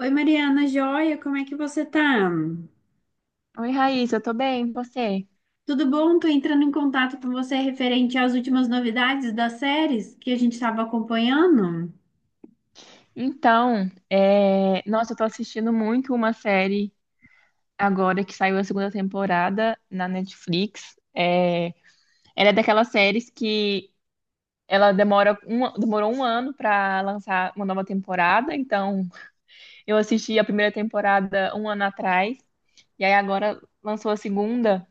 Oi, Mariana, joia, como é que você tá? Oi, Raíssa, eu tô bem, e você? Tudo bom? Tô entrando em contato com você referente às últimas novidades das séries que a gente estava acompanhando. Então, nossa, eu tô assistindo muito uma série agora que saiu a segunda temporada na Netflix. Ela é daquelas séries que ela demorou um ano pra lançar uma nova temporada, então eu assisti a primeira temporada um ano atrás, e aí agora lançou a segunda,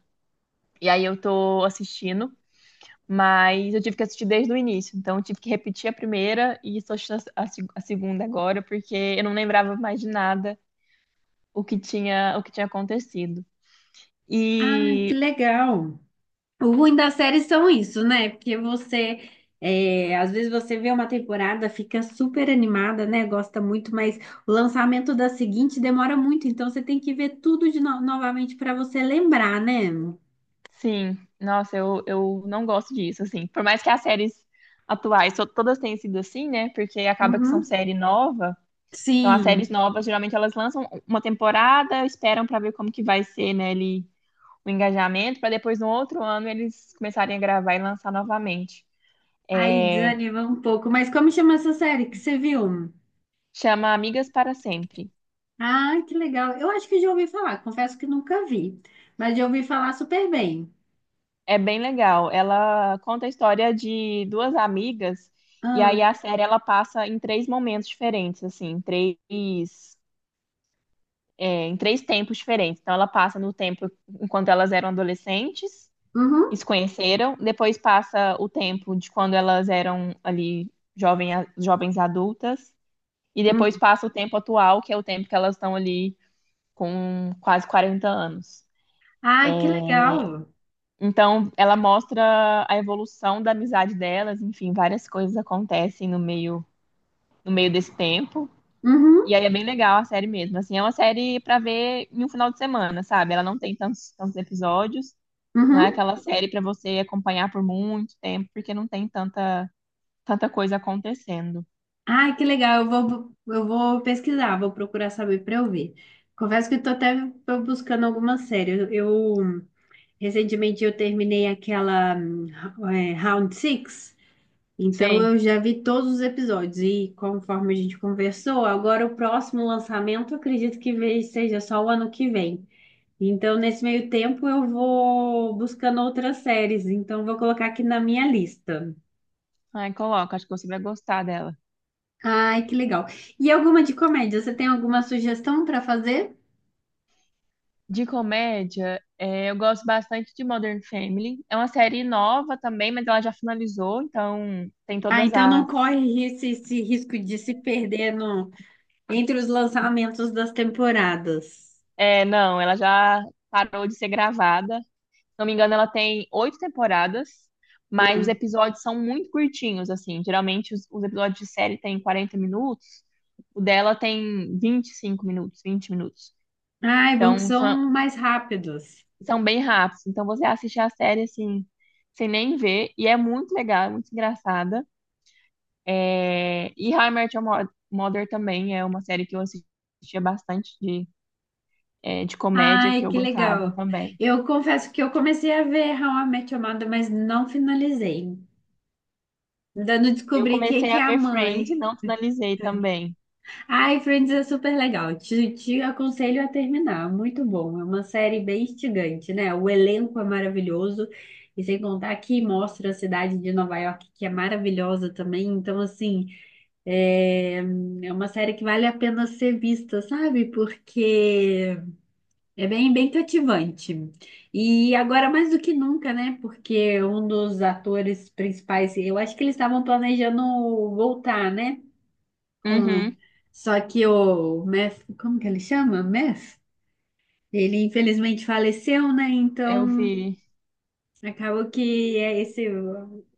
e aí eu tô assistindo. Mas eu tive que assistir desde o início, então eu tive que repetir a primeira e estou assistindo a se- a segunda agora, porque eu não lembrava mais de nada o que tinha acontecido. Ah, que E legal! O ruim das séries são isso, né? Porque você, às vezes você vê uma temporada, fica super animada, né? Gosta muito, mas o lançamento da seguinte demora muito, então você tem que ver tudo de novamente para você lembrar, né? sim, nossa, eu não gosto disso, assim. Por mais que as séries atuais todas tenham sido assim, né? Porque acaba que são Uhum. série nova. Então as séries Sim. novas, geralmente elas lançam uma temporada, esperam para ver como que vai ser, né, ali, o engajamento, para depois no outro ano eles começarem a gravar e lançar novamente. Aí É, desanima um pouco. Mas como chama essa série que você viu? Chama Amigas para Sempre. Ah, que legal. Eu acho que já ouvi falar. Confesso que nunca vi. Mas já ouvi falar super bem. É bem legal. Ela conta a história de duas amigas, e Ah, aí a série ela passa em três momentos diferentes, assim, em três tempos diferentes. Então ela passa no tempo enquanto elas eram adolescentes e se uhum, conheceram, depois passa o tempo de quando elas eram ali jovem, jovens adultas, e uhum. depois passa o tempo atual, que é o tempo que elas estão ali com quase 40 anos. Ai, que legal. Então, ela mostra a evolução da amizade delas, enfim, várias coisas acontecem no meio, no meio desse tempo. E Uhum, aí é bem legal a série mesmo. Assim, é uma série pra ver em um final de semana, sabe? Ela não tem tantos episódios, não é uhum. aquela série pra você acompanhar por muito tempo, porque não tem tanta coisa acontecendo. Ai, que legal. Eu vou pesquisar, vou procurar saber para eu ver. Confesso que estou até tô buscando alguma série. Eu, recentemente eu terminei aquela Round Six. Então eu Sei. já vi todos os episódios e conforme a gente conversou, agora o próximo lançamento eu acredito que seja só o ano que vem. Então nesse meio tempo eu vou buscando outras séries, então vou colocar aqui na minha lista. Ai, coloca, acho que você vai gostar dela. Ai, que legal. E alguma de comédia? Você tem alguma sugestão para fazer? De comédia, é, eu gosto bastante de Modern Family. É uma série nova também, mas ela já finalizou, então tem Ah, todas então não as. corre esse risco de se perder entre os lançamentos das temporadas. É, não, ela já parou de ser gravada. Se não me engano, ela tem oito temporadas, mas os Hum. episódios são muito curtinhos, assim. Geralmente os episódios de série têm 40 minutos, o dela tem 25 minutos, 20 minutos. Ai, bom que Então são mais rápidos. são bem rápidos. Então você assiste a série assim, sem nem ver, e é muito legal, é muito engraçada. E How I Met Your Mo- Mother também é uma série que eu assistia bastante de comédia que Ai, eu que gostava legal. também. Eu confesso que eu comecei a ver How I Met Your Mother, mas não finalizei. Ainda não Eu descobri quem comecei que a é a ver Friends e mãe. não finalizei também. Ai, Friends é super legal. Te aconselho a terminar. Muito bom. É uma série bem instigante, né? O elenco é maravilhoso. E sem contar que mostra a cidade de Nova York, que é maravilhosa também. Então, assim, é, é uma série que vale a pena ser vista, sabe? Porque é bem cativante. E agora mais do que nunca, né? Porque um dos atores principais, eu acho que eles estavam planejando voltar, né? Com... Uhum, Só que o Meth, como que ele chama? Meth? Ele infelizmente faleceu, né? eu Então vi. acabou que é esse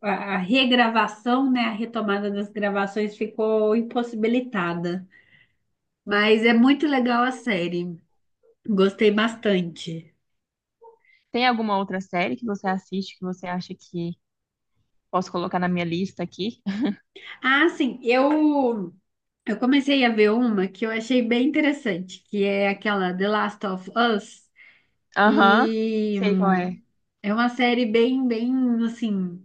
a regravação, né? A retomada das gravações ficou impossibilitada. Mas é muito legal a série. Gostei bastante. Tem alguma outra série que você assiste que você acha que posso colocar na minha lista aqui? Ah, sim, eu comecei a ver uma que eu achei bem interessante, que é aquela The Last of Us, Aham, e sei qual é. É uma série bem assim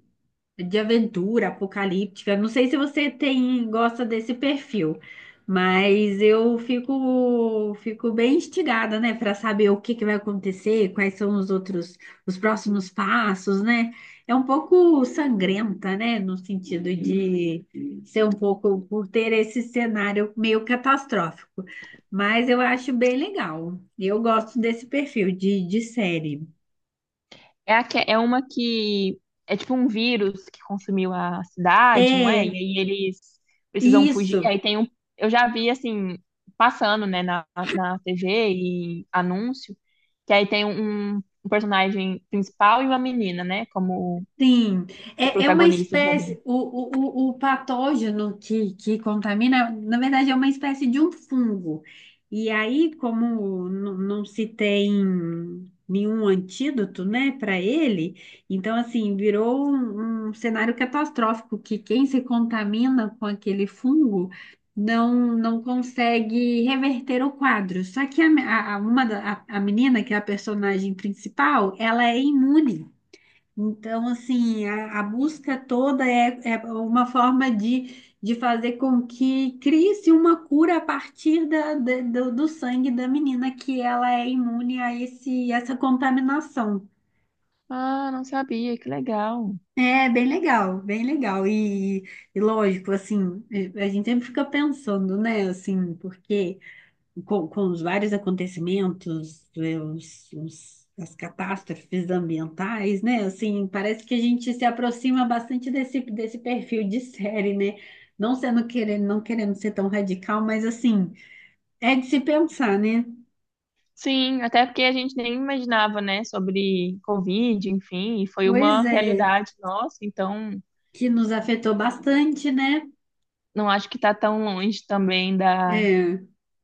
de aventura, apocalíptica. Não sei se você tem gosta desse perfil, mas eu fico bem instigada, né, para saber o que que vai acontecer, quais são os outros os próximos passos, né? É um pouco sangrenta, né, no sentido de ser um pouco por ter esse cenário meio catastrófico. Mas eu acho bem legal. Eu gosto desse perfil de série. A é uma que é tipo um vírus que consumiu a cidade, não é? E É, aí eles precisam fugir. E isso. aí tem um. Eu já vi assim, passando, né, na TV e anúncio, que aí tem um personagem principal e uma menina, né? Como Sim, os é uma protagonistas ali. espécie, o patógeno que contamina, na verdade, é uma espécie de um fungo. E aí, como não se tem nenhum antídoto, né, para ele, então, assim, virou um cenário catastrófico, que quem se contamina com aquele fungo não consegue reverter o quadro. Só que a menina, que é a personagem principal, ela é imune. Então, assim, a busca toda é uma forma de fazer com que crie-se uma cura a partir do sangue da menina, que ela é imune a essa contaminação. Ah, não sabia, que legal. É bem legal, bem legal. E lógico, assim, a gente sempre fica pensando, né, assim, porque com os vários acontecimentos, as catástrofes ambientais, né? Assim, parece que a gente se aproxima bastante desse perfil de série, né? Não querendo ser tão radical, mas assim, é de se pensar, né? Sim, até porque a gente nem imaginava, né, sobre Covid, enfim, e foi Pois uma é, realidade nossa, então que nos afetou bastante, né? não acho que tá tão longe também da É,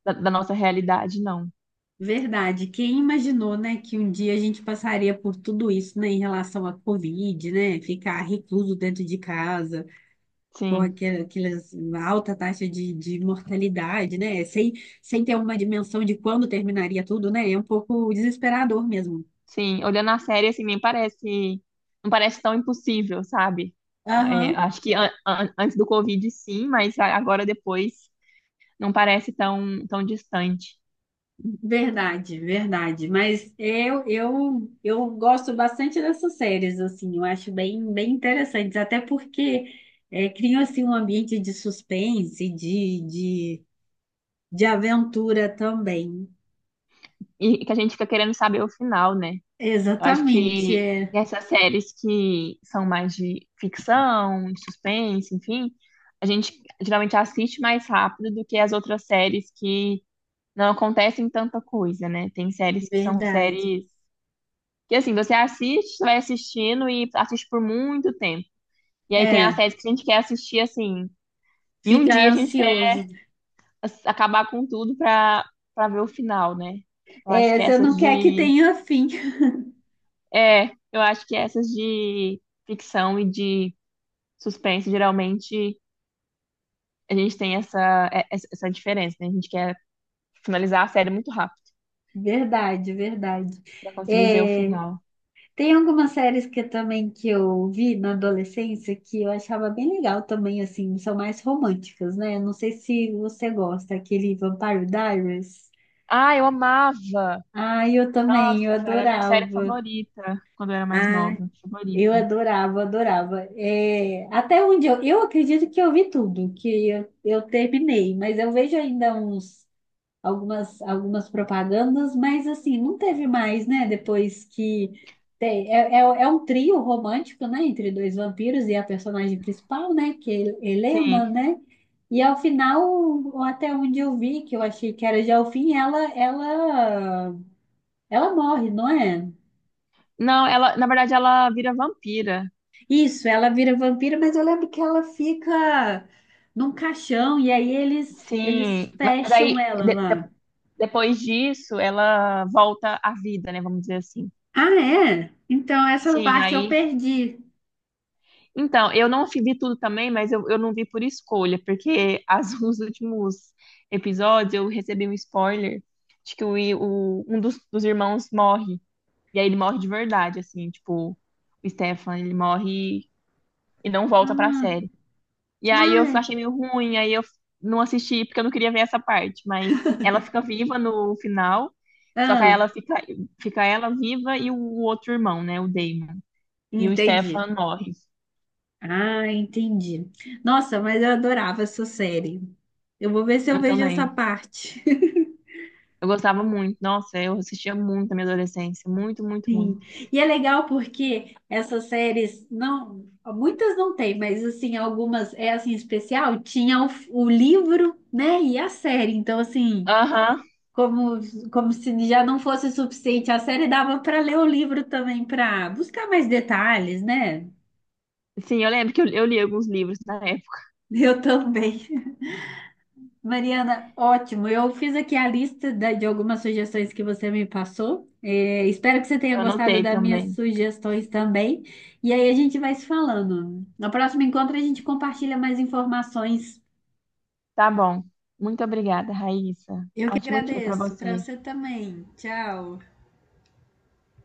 da nossa realidade, não. verdade. Quem imaginou, né, que um dia a gente passaria por tudo isso, né, em relação à Covid, né? Ficar recluso dentro de casa. Pô, Sim, aquele- aquelas uma alta taxa de mortalidade, né? Sem, sem ter uma dimensão de quando terminaria tudo, né? É um pouco desesperador mesmo. sim. Olhando a série, assim, nem parece, não parece tão impossível, sabe? É, Aham, acho que antes do Covid, sim, mas agora depois não parece tão distante. verdade, verdade. Mas eu gosto bastante dessas séries, assim, eu acho bem, bem interessantes, até porque criam, assim, um ambiente de suspense, de aventura também. E que a gente fica querendo saber o final, né? Eu acho Exatamente, que é essas séries que são mais de ficção, de suspense, enfim, a gente geralmente assiste mais rápido do que as outras séries que não acontecem tanta coisa, né? Tem verdade. séries que assim, você assiste, você vai assistindo e assiste por muito tempo. E aí tem as É, séries que a gente quer assistir assim. Em um fica dia a gente quer ansioso. Acabar com tudo pra ver o final, né? Eu acho É, que você essas não quer que de. tenha fim. É, eu acho que essas de ficção e de suspense, geralmente, a gente tem essa, é- essa essa diferença, né? A gente quer finalizar a série muito rápido Verdade, verdade. pra conseguir ver o É, final. tem algumas séries que também que eu vi na adolescência que eu achava bem legal também, assim, são mais românticas, né? Não sei se você gosta, aquele Vampire Diaries. Ah, eu amava! Ah, eu também, Nossa, eu era a minha série adorava. favorita quando eu era mais Ah, nova. eu Favorita. adorava, adorava. É, até onde eu acredito que eu vi tudo, que eu terminei, mas eu vejo ainda uns algumas, algumas propagandas, mas assim, não teve mais, né? Depois que tem- é, é um trio romântico, né? Entre dois vampiros e a personagem principal, né? Que é Helena, Sim. né? E ao final, ou até onde eu vi, que eu achei que era já o fim, ela morre, não é? Não, ela, na verdade, ela vira vampira. Isso, ela vira vampira, mas eu lembro que ela fica num caixão e aí eles Sim, mas fecham aí ela lá. Depois disso ela volta à vida, né? Vamos dizer assim. Ah, é? Então essa Sim, parte eu aí. perdi. Então, eu não fi- vi tudo também, mas eu não vi por escolha, porque as, os últimos episódios eu recebi um spoiler de que um dos irmãos morre. E aí ele morre de verdade, assim, tipo, o Stefan, ele morre e não volta pra Ah, série. E aí eu ai, achei meio ruim, aí eu não assisti porque eu não queria ver essa parte, mas ela fica viva no final, só que aí ah, fica ela viva e o outro irmão, né, o Damon. E o entendi. Stefan morre. Ah, entendi. Nossa, mas eu adorava essa série. Eu vou ver se eu Eu vejo essa também. parte. Eu gostava muito. Nossa, eu assistia muito na minha adolescência. Muito, muito, muito. Sim. E é legal porque essas séries não, muitas não tem, mas assim, algumas é assim especial, tinha o livro, né, e a série. Então assim, Aham. como como se já não fosse suficiente, a série dava para ler o livro também para buscar mais detalhes, né? Sim, eu lembro que eu li alguns livros na época. Eu também. Mariana, ótimo. Eu fiz aqui a lista de algumas sugestões que você me passou. É, espero que você tenha Eu gostado anotei das minhas também. sugestões também. E aí a gente vai se falando. No próximo encontro a gente compartilha mais informações. Tá bom. Muito obrigada, Raíssa. Eu que Ótimo dia pra agradeço. Para você. você também. Tchau.